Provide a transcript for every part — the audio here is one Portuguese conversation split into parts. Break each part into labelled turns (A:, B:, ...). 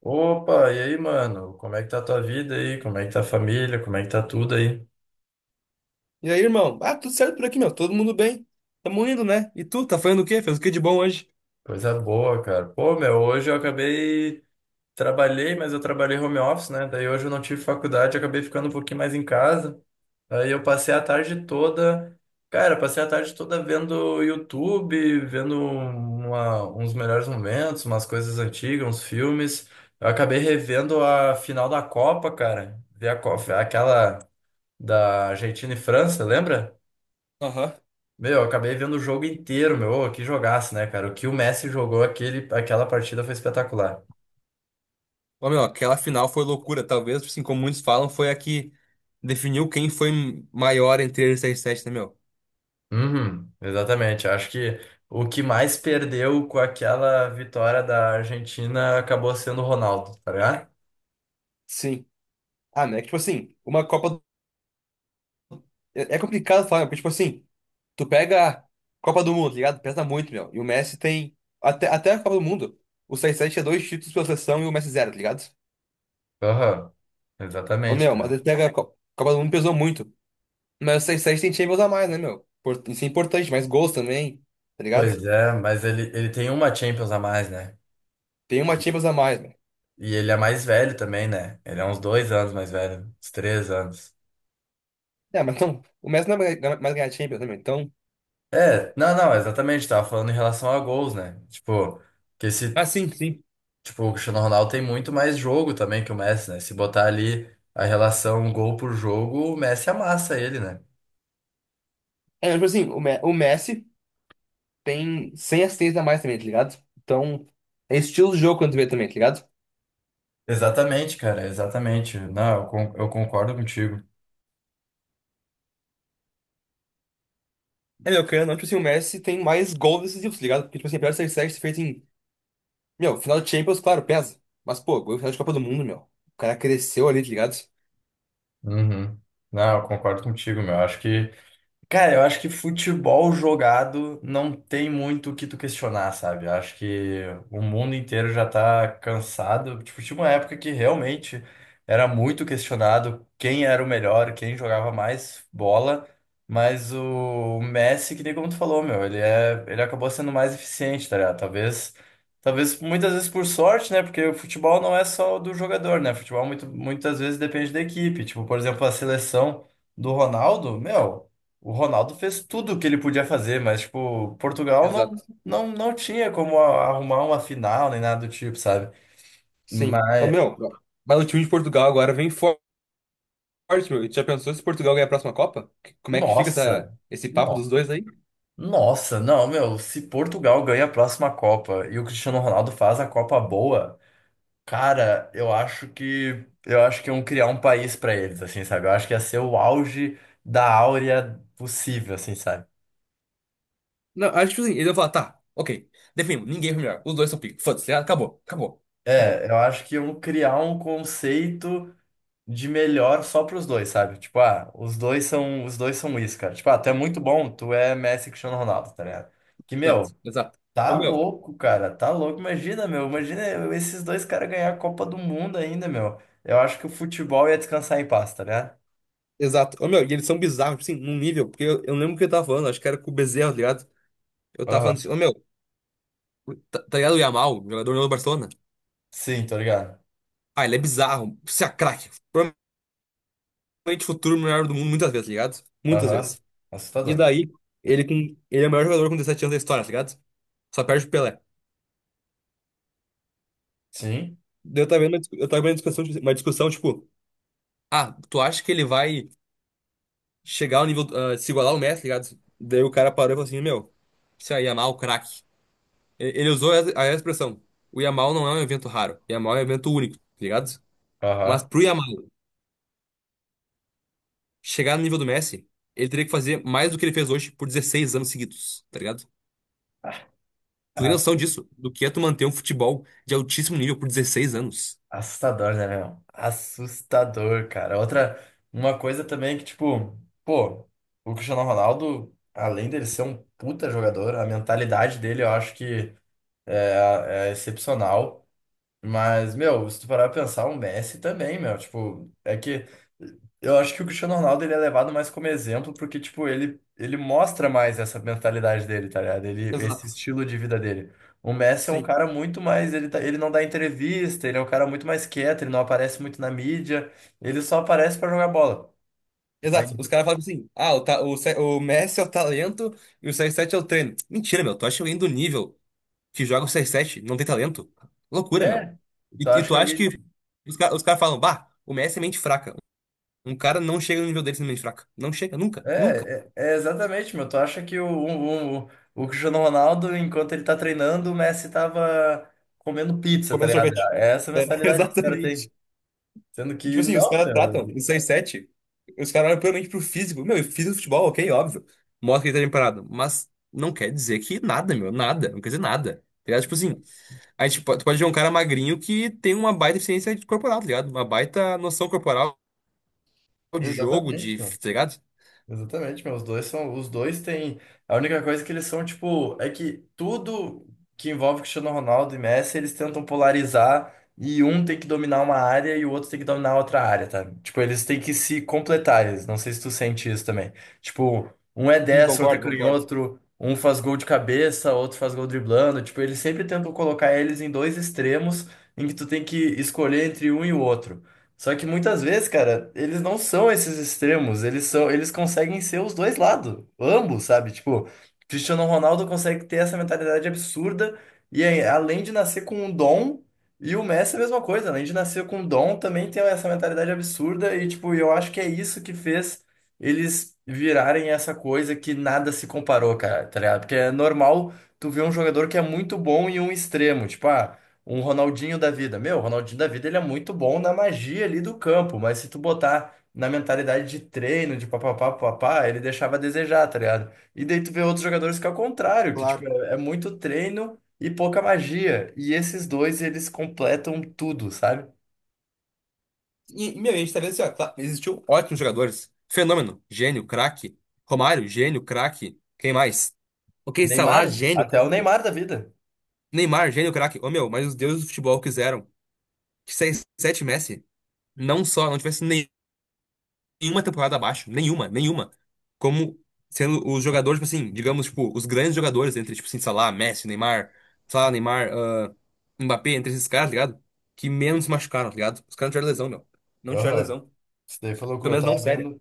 A: Opa, e aí, mano? Como é que tá a tua vida aí? Como é que tá a família? Como é que tá tudo aí?
B: E aí, irmão? Ah, tudo certo por aqui, meu. Todo mundo bem. Tamo indo, né? E tu, tá fazendo o quê? Fez o que de bom hoje?
A: Coisa boa, cara. Pô, meu, hoje eu acabei. Trabalhei, mas eu trabalhei home office, né? Daí hoje eu não tive faculdade, eu acabei ficando um pouquinho mais em casa. Aí eu passei a tarde toda. Cara, passei a tarde toda vendo YouTube, vendo uns melhores momentos, umas coisas antigas, uns filmes. Eu acabei revendo a final da Copa, cara. Vi a Copa, aquela da Argentina e França, lembra?
B: Aham.
A: Meu, eu acabei vendo o jogo inteiro, meu. Ô, que jogaço, né, cara? O que o Messi jogou aquela partida foi espetacular.
B: Ô, meu, aquela final foi loucura. Talvez, assim, como muitos falam, foi a que definiu quem foi maior entre eles e 7, né, meu?
A: Uhum, exatamente. Acho que o que mais perdeu com aquela vitória da Argentina acabou sendo o Ronaldo, tá ligado?
B: Sim. Ah, né? Tipo assim, uma Copa. É complicado falar, porque, tipo assim, tu pega a Copa do Mundo, tá ligado? Pesa muito, meu. E o Messi tem. Até a Copa do Mundo, o seis sete tinha dois títulos pela seleção e o Messi zero, tá ligado?
A: Aham,
B: Ô,
A: exatamente,
B: meu,
A: cara.
B: mas ele pega a Copa do Mundo pesou muito. Mas vocês têm Champions a mais, né, meu? Isso é importante, mais gols também, tá ligado?
A: Pois é, mas ele tem uma Champions a mais, né?
B: Tem uma Champions a mais, né?
A: E ele é mais velho também, né? Ele é uns dois anos mais velho, uns três anos.
B: É, mas então, o Messi não vai mais ganhar Champions, né, meu? Então.
A: É, não, não, exatamente, tava falando em relação a gols, né? Tipo, que se
B: Ah, sim, sim.
A: Tipo, o Cristiano Ronaldo tem muito mais jogo também que o Messi, né? Se botar ali a relação um gol por jogo, o Messi amassa ele, né?
B: É, tipo assim, o Messi tem 100 assistências a mais também, tá ligado? Então, é estilo de jogo quando tu vê também, tá ligado?
A: Exatamente, cara, exatamente. Não, eu concordo contigo.
B: É, meu, querendo ou não, tipo assim, o Messi tem mais gols decisivos, tá ligado? Porque, tipo assim, apesar de ser 7 feito em. Meu, final de Champions, claro, pesa. Mas, pô, gol em final de Copa do Mundo, meu. O cara cresceu ali, tá ligado?
A: Uhum. Não, eu concordo contigo, meu. Acho que Cara, eu acho que futebol jogado não tem muito o que tu questionar, sabe? Eu acho que o mundo inteiro já tá cansado. Tipo, tinha uma época que realmente era muito questionado quem era o melhor, quem jogava mais bola, mas o Messi, que nem como tu falou, meu, ele acabou sendo mais eficiente, tá ligado? Talvez muitas vezes por sorte, né? Porque o futebol não é só do jogador, né? Futebol muitas vezes depende da equipe. Tipo, por exemplo, a seleção do Ronaldo, meu. O Ronaldo fez tudo o que ele podia fazer, mas, tipo, Portugal
B: Exato.
A: não tinha como arrumar uma final nem nada do tipo, sabe?
B: Sim. Ô,
A: Mas,
B: meu, mas o time de Portugal agora vem forte, meu. E tu já pensou se Portugal ganhar a próxima Copa? Como é que fica
A: nossa,
B: esse papo
A: no-
B: dos dois aí?
A: nossa, não, meu, se Portugal ganha a próxima Copa e o Cristiano Ronaldo faz a Copa boa, cara, eu acho que iam criar um país pra eles, assim, sabe? Eu acho que ia ser o auge da áurea possível, assim, sabe?
B: Não, acho que tipo assim, ele vai falar, tá, ok. Definimos, ninguém foi melhor. Os dois são pica. Foda-se, ah, acabou, acabou, acabou.
A: É, eu acho que iam criar um conceito de melhor só pros dois, sabe? Tipo, ah, os dois são isso, cara. Tipo, ah, tu é muito bom, tu é Messi e Cristiano Ronaldo, tá ligado? Que,
B: Exato,
A: meu,
B: exato. Ô,
A: tá
B: meu.
A: louco, cara, tá louco. Imagina esses dois caras ganhar a Copa do Mundo ainda, meu. Eu acho que o futebol ia descansar em paz, tá ligado?
B: Exato. Ô, meu, e eles são bizarros, tipo assim, num nível, porque eu lembro o que eu tava falando, acho que era com o Bezerra, tá ligado? Eu tava falando
A: Aham.
B: assim, ô, meu, tá ligado o Yamal, jogador do Barcelona?
A: Sim, tô ligado.
B: Ah, ele é bizarro, você é craque, realmente futuro melhor do mundo muitas vezes, tá ligado? Muitas
A: Aham.
B: vezes. E
A: Assustador.
B: daí, ele, com, ele é o maior jogador com 17 anos da história, tá ligado? Só perde o Pelé.
A: Sim.
B: Daí, eu tava vendo uma discussão, tipo, ah, tu acha que ele vai chegar ao nível, ah, se igualar ao Messi, tá ligado? Daí o cara parou e falou assim, meu, isso aí, Yamal, craque. Ele usou a expressão, o Yamal não é um evento raro, Yamal é um evento único, tá ligado? Mas
A: Aham.
B: pro Yamal chegar no nível do Messi, ele teria que fazer mais do que ele fez hoje por 16 anos seguidos, tá ligado? Tu tem noção disso? Do que é tu manter um futebol de altíssimo nível por 16 anos?
A: Assustador, né, meu? Assustador, cara. Outra, uma coisa também que, tipo, pô, o Cristiano Ronaldo, além dele ser um puta jogador, a mentalidade dele eu acho que é excepcional. Mas, meu, se tu parar pra pensar, o Messi também, meu, tipo, é que eu acho que o Cristiano Ronaldo ele é levado mais como exemplo porque, tipo, ele mostra mais essa mentalidade dele, tá ligado? Ele, esse
B: Exato.
A: estilo de vida dele. O Messi é um
B: Sim.
A: cara muito mais, ele não dá entrevista, ele é um cara muito mais quieto, ele não aparece muito na mídia, ele só aparece pra jogar bola. Mas,
B: Exato. Os caras falam assim: ah, o Messi é o talento e o CR7 é o treino. Mentira, meu. Tu acha que alguém do nível que joga o CR7 não tem talento? Loucura, meu.
A: é, então
B: E
A: acho
B: tu
A: que
B: acha que
A: alguém…
B: os caras falam: bah, o Messi é mente fraca. Um cara não chega no nível dele sendo mente fraca. Não chega, nunca, nunca.
A: É exatamente, meu. Tu acha que o Cristiano Ronaldo, enquanto ele tá treinando, o Messi tava comendo pizza, tá
B: Comendo
A: ligado?
B: sorvete.
A: É essa
B: É,
A: mentalidade que os caras
B: exatamente.
A: têm. Sendo
B: E, tipo
A: que
B: assim, os
A: não,
B: caras tratam
A: meu.
B: os seis sete, os caras olham puramente pro físico. Meu, eu fiz o futebol, ok, óbvio. Mostra que ele tá bem parado. Mas não quer dizer que nada, meu, nada. Não quer dizer nada. Tá ligado? Tipo assim, tu pode ver um cara magrinho que tem uma baita eficiência corporal, tá ligado? Uma baita noção corporal de jogo,
A: Exatamente,
B: de,
A: mano.
B: tá ligado?
A: Exatamente, meu. Os dois são. Os dois têm. A única coisa que eles são, tipo, é que tudo que envolve Cristiano Ronaldo e Messi, eles tentam polarizar e um tem que dominar uma área e o outro tem que dominar outra área, tá? Tipo, eles têm que se completar. Não sei se tu sente isso também. Tipo, um é
B: Sim,
A: destro, outro é
B: concordo, concordo.
A: canhoto, um faz gol de cabeça, outro faz gol driblando. Tipo, eles sempre tentam colocar eles em dois extremos em que tu tem que escolher entre um e o outro. Só que muitas vezes, cara, eles não são esses extremos, eles conseguem ser os dois lados, ambos, sabe? Tipo, Cristiano Ronaldo consegue ter essa mentalidade absurda e aí, além de nascer com um dom, e o Messi é a mesma coisa, além de nascer com um dom, também tem essa mentalidade absurda e tipo, eu acho que é isso que fez eles virarem essa coisa que nada se comparou, cara, tá ligado? Porque é normal tu ver um jogador que é muito bom em um extremo, tipo, ah, um Ronaldinho da vida. Meu, o Ronaldinho da vida ele é muito bom na magia ali do campo, mas se tu botar na mentalidade de treino, de papapá, papapá, ele deixava a desejar, tá ligado? E daí tu vê outros jogadores que é o contrário, que tipo,
B: Claro.
A: é muito treino e pouca magia. E esses dois, eles completam tudo, sabe?
B: E, meu, a gente tá vendo assim, ó, tá, existiu ótimos jogadores. Fenômeno, gênio, craque. Romário, gênio, craque. Quem mais? Ok, Salah,
A: Neymar,
B: gênio,
A: até o
B: craque.
A: Neymar da vida.
B: Neymar, gênio, craque. Ô, meu, mas os deuses do futebol quiseram que 6-7 Messi não só não tivesse nenhuma temporada abaixo, nenhuma, nenhuma, como sendo os jogadores, tipo assim, digamos, tipo, os grandes jogadores entre, tipo assim, Salah, Messi, Neymar, Salah, Neymar, ah, Mbappé, entre esses caras, tá ligado? Que menos se machucaram, tá ligado? Os caras não tiveram lesão, meu. Não tiveram
A: Aham.
B: lesão.
A: Isso daí foi
B: Pelo
A: loucura, eu
B: menos não
A: tava
B: séria.
A: vendo.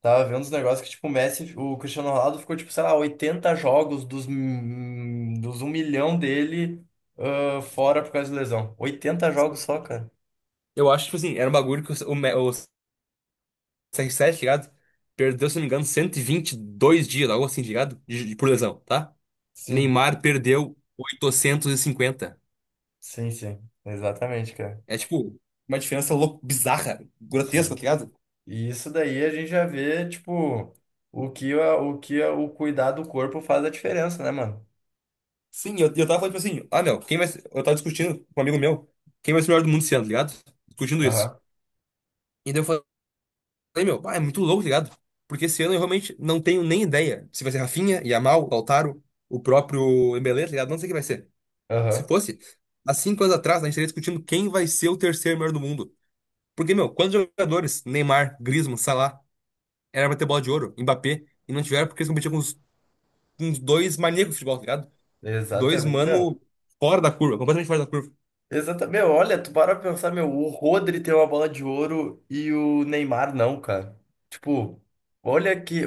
A: Tava vendo uns negócios que, tipo, o Cristiano Ronaldo ficou, tipo, sei lá, 80 jogos dos, dos um milhão dele, ah, fora por causa de lesão. 80 jogos só, cara.
B: Eu acho, tipo assim, era um bagulho que o CR7, ligado? Perdeu, se não me engano, 122 dias, algo assim, tá ligado? Por lesão, tá?
A: Sim.
B: Neymar perdeu 850.
A: Sim, sim. Exatamente, cara.
B: É tipo, uma diferença louca, bizarra, grotesca,
A: Sim.
B: tá ligado?
A: E isso daí a gente já vê, tipo, o cuidar do corpo faz a diferença, né, mano?
B: Sim, eu tava falando, tipo assim, ah, meu, quem vai ser... Eu tava discutindo com um amigo meu, quem vai ser o melhor do mundo esse ano, tá ligado? Discutindo isso.
A: Aham.
B: E daí eu falei, meu, pá, é muito louco, tá ligado? Porque esse ano eu realmente não tenho nem ideia se vai ser Rafinha, Yamal, Lautaro, o próprio Embele, tá ligado? Não sei quem vai ser. Se
A: Aham.
B: fosse, há 5 anos atrás, a gente estaria discutindo quem vai ser o terceiro melhor do mundo. Porque, meu, quantos jogadores? Neymar, Griezmann, Salah, era pra ter bola de ouro, Mbappé, e não tiveram porque eles competiam com uns, dois maníacos de futebol, tá ligado? Dois
A: Exatamente.
B: mano fora da curva, completamente fora da curva.
A: Exatamente. Meu, olha, tu para pra pensar, meu, o Rodri tem uma bola de ouro e o Neymar não, cara. Tipo, olha que,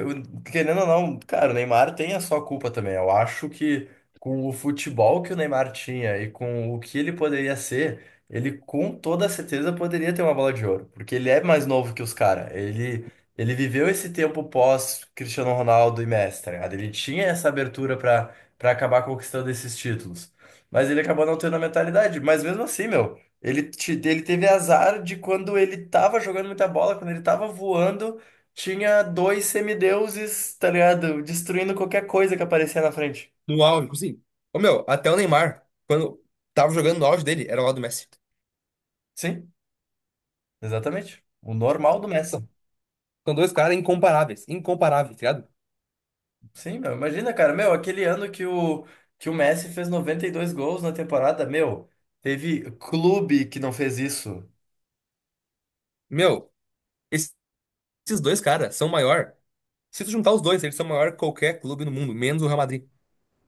A: querendo ou não, cara, o Neymar tem a sua culpa também. Eu acho que com o futebol que o Neymar tinha e com o que ele poderia ser, ele com toda certeza poderia ter uma bola de ouro, porque ele é mais novo que os caras. Ele viveu esse tempo pós Cristiano Ronaldo e Messi, tá ligado? Ele tinha essa abertura pra acabar conquistando esses títulos. Mas ele acabou não tendo a mentalidade. Mas mesmo assim, meu, ele teve azar de quando ele tava jogando muita bola, quando ele tava voando, tinha dois semideuses, tá ligado? Destruindo qualquer coisa que aparecia na frente.
B: No auge, tipo assim. Ô meu, até o Neymar, quando tava jogando no auge dele, era lá do Messi.
A: Sim, exatamente. O normal do
B: São,
A: Messi.
B: são dois caras incomparáveis, incomparáveis, tá ligado?
A: Sim, meu, imagina, cara, meu, aquele ano que que o Messi fez 92 gols na temporada, meu, teve clube que não fez isso.
B: Meu, esses esses dois caras são maior. Se tu juntar os dois, eles são maior que qualquer clube no mundo, menos o Real Madrid.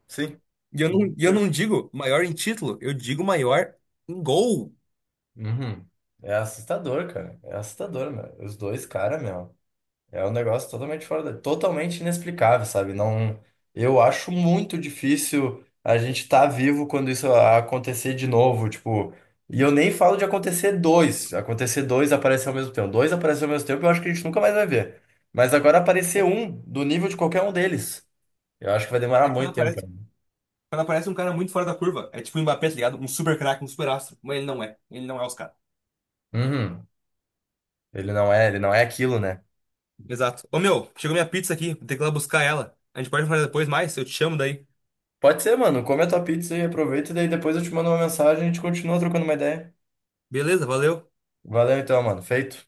A: Sim.
B: E eu não digo maior em título, eu digo maior em gol.
A: Uhum. É assustador, cara. É assustador, meu. Os dois, cara, meu. É um negócio totalmente fora da… totalmente inexplicável, sabe? Não, eu acho muito difícil a gente estar vivo quando isso acontecer de novo, tipo, e eu nem falo de acontecer dois aparecer ao mesmo tempo, dois aparecer ao mesmo tempo, eu acho que a gente nunca mais vai ver. Mas agora aparecer
B: É,
A: um do nível de qualquer um deles, eu acho que vai demorar
B: é quando
A: muito tempo
B: aparece.
A: ainda.
B: Quando aparece um cara muito fora da curva, é tipo o Mbappé, tá ligado? Um super craque, um super astro. Mas ele não é. Ele não é os caras.
A: Uhum. Ele não é aquilo, né?
B: Exato. Ô meu, chegou minha pizza aqui. Vou ter que ir lá buscar ela. A gente pode falar depois mais? Eu te chamo daí.
A: Pode ser, mano. Come a tua pizza e aproveita, e daí depois eu te mando uma mensagem e a gente continua trocando uma ideia.
B: Beleza, valeu.
A: Valeu então, mano. Feito.